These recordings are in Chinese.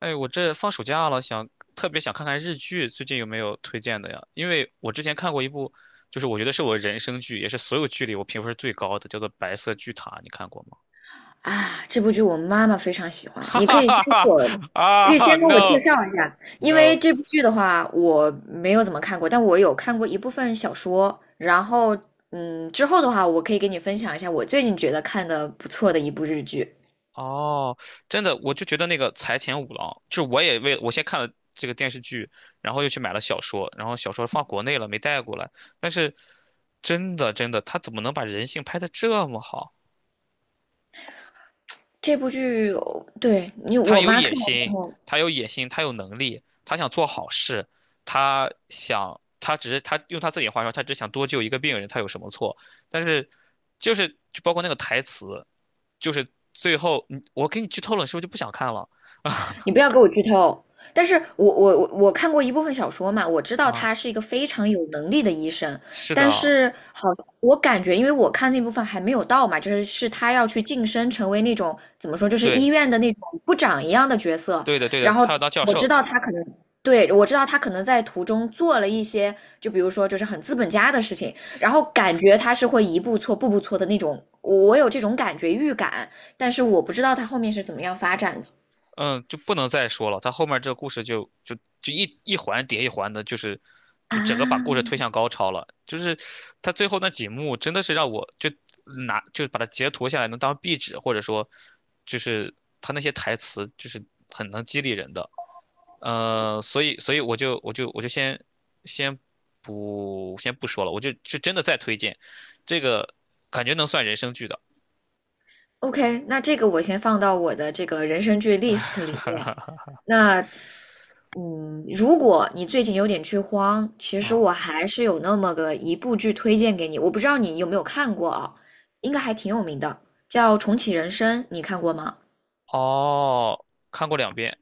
哎，我这放暑假了，特别想看看日剧，最近有没有推荐的呀？因为我之前看过一部，就是我觉得是我人生剧，也是所有剧里我评分最高的，叫做《白色巨塔》，你看过吗？啊，这部剧我妈妈非常喜 欢，哈你可哈以先哈给哈。我，可以啊先给我介，no, 绍一下，因为 no。这部剧的话我没有怎么看过，但我有看过一部分小说，然后之后的话我可以给你分享一下我最近觉得看的不错的一部日剧。哦，真的，我就觉得那个财前五郎，就是我也为我先看了这个电视剧，然后又去买了小说，然后小说放国内了没带过来，但是真的真的，他怎么能把人性拍得这么好？这部剧，哦对，他我有妈看野完之心，后，他有野心，他有能力，他想做好事，他想，他只是他用他自己的话说，他只想多救一个病人，他有什么错？但是，就是就包括那个台词，就是最后我给你剧透了，你是不是就不想看了？你不要给我剧透。但是我看过一部分小说嘛，我知道啊，他是一个非常有能力的医生，是但的。是好，我感觉因为我看那部分还没有到嘛，就是他要去晋升成为那种怎么说，就是医对，院的那种部长一样的角色，对的，对的，然后他要当教我知授。道他可能。对，我知道他可能在途中做了一些，就比如说就是很资本家的事情，然后感觉他是会一步错步步错的那种，我有这种感觉预感，但是我不知道他后面是怎么样发展的嗯，就不能再说了。他后面这个故事就一环叠一环的，就是就整个把故事啊。推向高潮了。就是他最后那几幕真的是让我就把它截图下来能当壁纸，或者说就是他那些台词就是很能激励人的。所以我就先先不说了，我就真的再推荐这个，感觉能算人生剧的。OK,那这个我先放到我的这个人生剧 list 里面。那，如果你最近有点剧荒，其实啊、我还是有那么个一部剧推荐给你，我不知道你有没有看过啊，应该还挺有名的，叫《重启人生》，你看过吗？哦，看过两遍。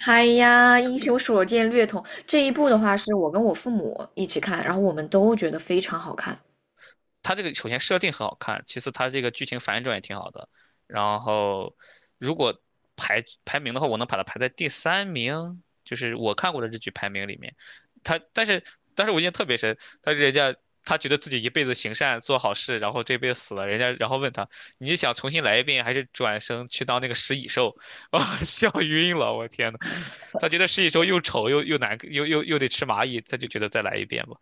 嗨呀，英雄所见略同。这一部的话，是我跟我父母一起看，然后我们都觉得非常好看。它这个首先设定很好看，其次它这个剧情反转也挺好的。然后，如果排名的话，我能把它排在第三名，就是我看过的日剧排名里面。他，但是，但是，我印象特别深，他人家他觉得自己一辈子行善做好事，然后这辈子死了，人家然后问他，你想重新来一遍，还是转生去当那个食蚁兽？啊、笑晕了，我天呐，他觉得食蚁兽又丑又难又得吃蚂蚁，他就觉得再来一遍吧。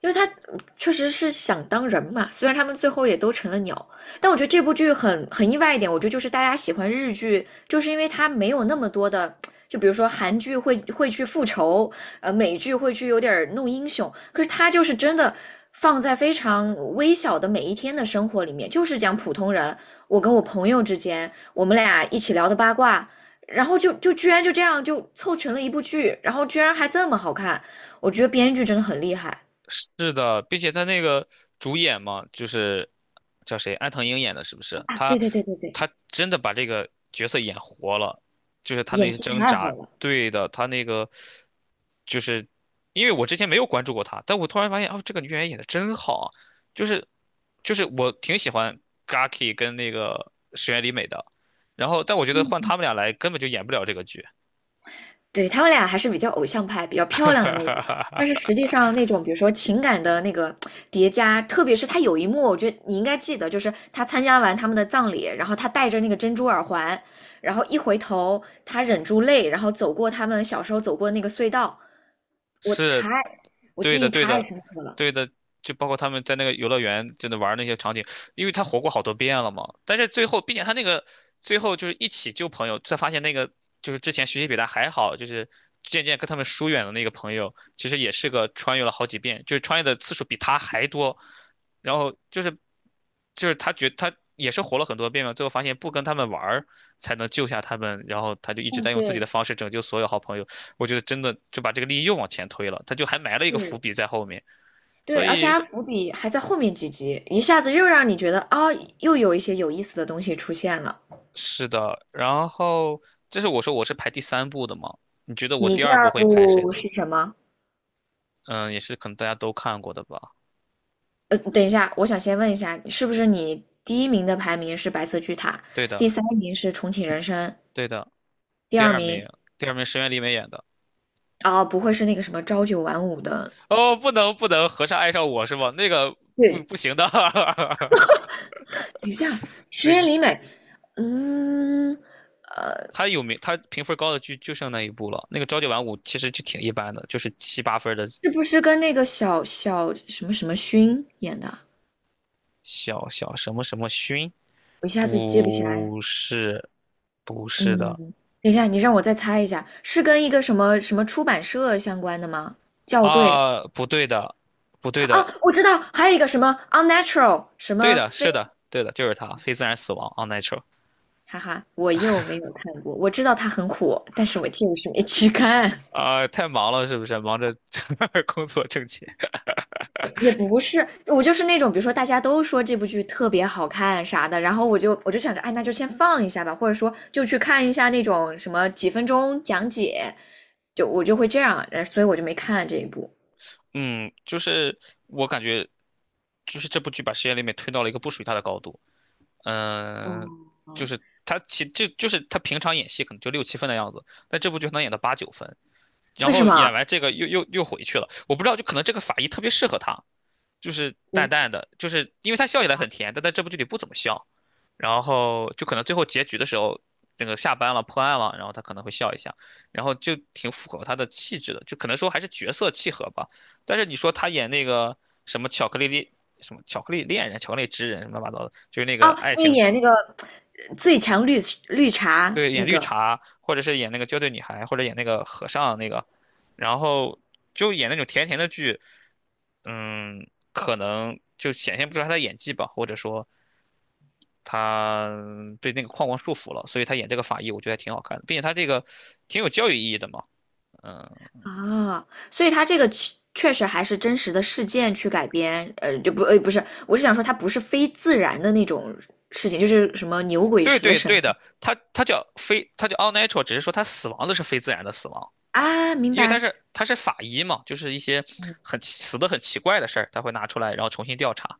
因为他确实是想当人嘛，虽然他们最后也都成了鸟，但我觉得这部剧很意外一点，我觉得就是大家喜欢日剧，就是因为它没有那么多的，就比如说韩剧会去复仇，美剧会去有点弄英雄，可是它就是真的放在非常微小的每一天的生活里面，就是讲普通人，我跟我朋友之间，我们俩一起聊的八卦。然后就居然就这样就凑成了一部剧，然后居然还这么好看，我觉得编剧真的很厉害。是的，并且他那个主演嘛，就是叫谁，安藤樱演的，是不是？啊，他对对对对对，他真的把这个角色演活了，就是他那演些技挣太扎。好了。对的，他那个就是因为我之前没有关注过他，但我突然发现哦，这个女演员演的真好啊，就是就是我挺喜欢 Gaki 跟那个石原里美的，然后但我觉得换他们俩来根本就演不了这个剧，对，他们俩还是比较偶像派、比较漂亮的那种，但是 实际上那种，比如说情感的那个叠加，特别是他有一幕，我觉得你应该记得，就是他参加完他们的葬礼，然后他戴着那个珍珠耳环，然后一回头，他忍住泪，然后走过他们小时候走过的那个隧道，我太，是。我对记忆的，对太的，深刻了。对的，就包括他们在那个游乐园真的玩儿那些场景，因为他活过好多遍了嘛。但是最后，并且他那个最后就是一起救朋友，才发现那个就是之前学习比他还好，就是渐渐跟他们疏远的那个朋友，其实也是个穿越了好几遍，就是穿越的次数比他还多。然后就是他也是活了很多遍嘛，最后发现不跟他们玩儿才能救下他们，然后他就一直嗯，在用自己对，的方式拯救所有好朋友。我觉得真的就把这个利益又往前推了，他就还埋了一个伏是，笔在后面。对，所而且以他伏笔还在后面几集，一下子又让你觉得啊、又有一些有意思的东西出现了。是的。然后这是我说我是排第三部的嘛？你觉得我你第第二部二会排谁部呢？是什么？嗯，也是可能大家都看过的吧？等一下，我想先问一下，是不是你第一名的排名是《白色巨塔》，对的，第三名是《重启人生》，对的。第第二二名名，第二名石原里美演的。啊，不会是那个什么朝九晚五的？哦，不能不能，和尚爱上我是吧？那个不对，不行的。等一下，石那个原里美，嗯，呃，他有名，他评分高的剧就剩那一部了。那个朝九晚五其实就挺一般的，就是七八分的是不是跟那个小小什么什么勋演的？小小什么什么勋。我一下子记不起来。不是，不是嗯，的。等一下，你让我再猜一下，是跟一个什么什么出版社相关的吗？校对，啊，不对的，不对啊，的。我知道，还有一个什么 unnatural,什对么的，非，是的，对的，就是他，非自然死亡，unnatural。哈哈，我又没有看过。我知道它很火，但是我就是没去看。啊，太忙了，是不是？忙着 工作挣钱。也不是，我就是那种，比如说大家都说这部剧特别好看啥的，然后我就想着，哎，那就先放一下吧，或者说就去看一下那种什么几分钟讲解，就我就会这样，所以我就没看这一部。嗯，就是我感觉，就是这部剧把实验里面推到了一个不属于他的高度。嗯，就哦，是他其就就是他平常演戏可能就六七分的样子，但这部剧可能演到八九分，然为什后演么？完这个又回去了。我不知道，就可能这个法医特别适合他，就是淡你淡的，就是因为它笑起来很甜，但在这部剧里不怎么笑，然后就可能最后结局的时候，那个下班了破案了，然后他可能会笑一下，然后就挺符合他的气质的，就可能说还是角色契合吧。但是你说他演那个什么巧克力恋什么巧克力恋人、巧克力之人什么乱七八糟的，就是那啊，个爱那个情。演那个最强绿茶对，那演绿个茶，或者是演那个娇贵女孩，或者演那个和尚那个，然后就演那种甜甜的剧，嗯，可能就显现不出来他的演技吧，或者说他被那个框框束缚了，所以他演这个法医，我觉得还挺好看的，并且他这个挺有教育意义的嘛。啊，所以它这个其确实还是真实的事件去改编，呃，就不，呃，不是，我是想说它不是非自然的那种事情，就是什么牛鬼对蛇对神对的。他他叫非，他叫 a l natural，只是说他死亡的是非自然的死亡，啊，明因为他白，是他是法医嘛，就是一些很奇怪的事儿，他会拿出来，然后重新调查。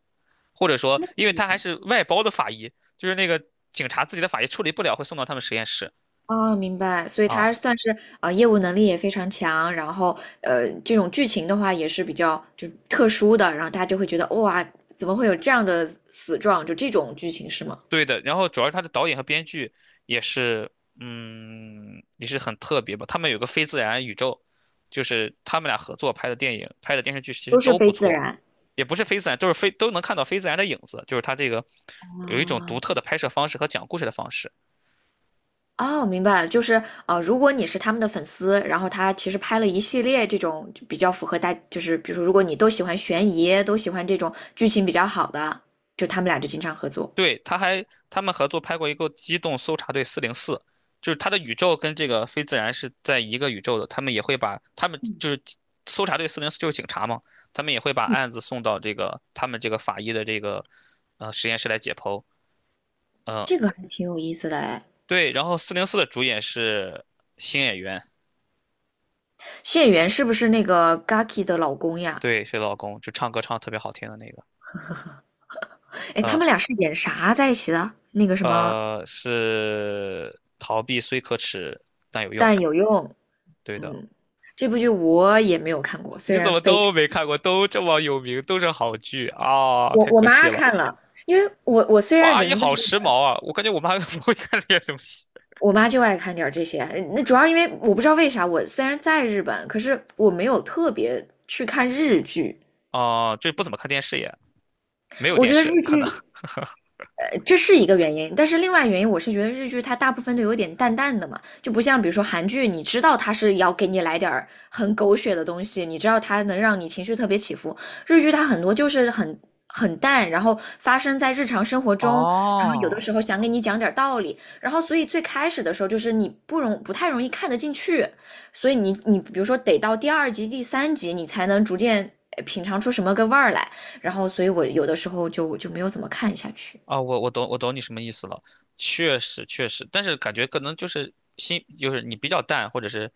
或者说，因为他还是外包的法医，就是那个警察自己的法医处理不了，会送到他们实验室。啊，明白，所以啊，它算是啊、业务能力也非常强，然后这种剧情的话也是比较就是特殊的，然后大家就会觉得哇，怎么会有这样的死状？就这种剧情是吗？对的，然后主要是他的导演和编剧也是，嗯，也是很特别吧。他们有个非自然宇宙，就是他们俩合作拍的电影、拍的电视剧，其实都是都非不自错，然也不是非自然，都能看到非自然的影子，就是他这个有一种啊，独特的拍摄方式和讲故事的方式。哦，明白了，就是啊，如果你是他们的粉丝，然后他其实拍了一系列这种就比较符合大，就是比如说，如果你都喜欢悬疑，都喜欢这种剧情比较好的，就他们俩就经常合作，对，他们合作拍过一个《机动搜查队四零四》，就是他的宇宙跟这个非自然是在一个宇宙的，他们也会把他们就是搜查队四零四就是警察嘛，他们也会把案子送到这个他们这个法医的这个实验室来解剖。呃，这个还挺有意思的哎。对，然后四零四的主演是新演员。谢元是不是那个 Gaki 的老公呀？对，是老公，就唱歌唱得特别好听的那个，哎，他呃们俩是演啥在一起的？那个什么，是逃避虽可耻但有用，但有用，对的。嗯，这部剧我也没有看过，虽你怎然么非都常，没看过？都这么有名，都是好剧啊，太我可惜妈了。看了，因为我虽哇，然阿姨人在好时日，髦啊！我感觉我妈 都不会看这些东西。我妈就爱看点这些，那主要因为我不知道为啥，我虽然在日本，可是我没有特别去看日剧。啊，就不怎么看电视也，没有我电觉得日视可能。剧这是一个原因，但是另外原因我是觉得日剧它大部分都有点淡淡的嘛，就不像比如说韩剧，你知道它是要给你来点儿很狗血的东西，你知道它能让你情绪特别起伏。日剧它很多就是很淡，然后发生在日常生活中，然后有的哦，时候想给你讲点儿道理，然后所以最开始的时候就是你不太容易看得进去，所以你比如说得到第二集、第三集你才能逐渐品尝出什么个味儿来，然后所以我有的时候就没有怎么看下去。啊，我懂你什么意思了，确实确实，但是感觉可能就是心就是你比较淡，或者是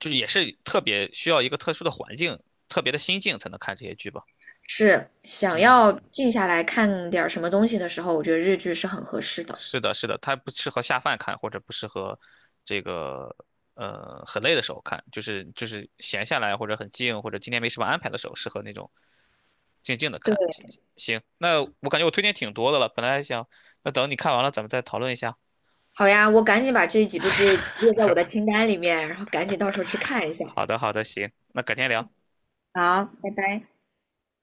就是也是特别需要一个特殊的环境、特别的心境才能看这些剧吧。是想要嗯，静下来看点儿什么东西的时候，我觉得日剧是很合适的。是的，是的，它不适合下饭看，或者不适合这个很累的时候看，就是闲下来或者很静，或者今天没什么安排的时候，适合那种静静的对，看。行，行那我感觉我推荐挺多的了，本来还想那等你看完了咱们再讨论一下。好呀，我赶紧把这几部剧列在我的清单里面，然后赶紧到时候去看一下。好的，好的，行，那改天聊。好，拜拜。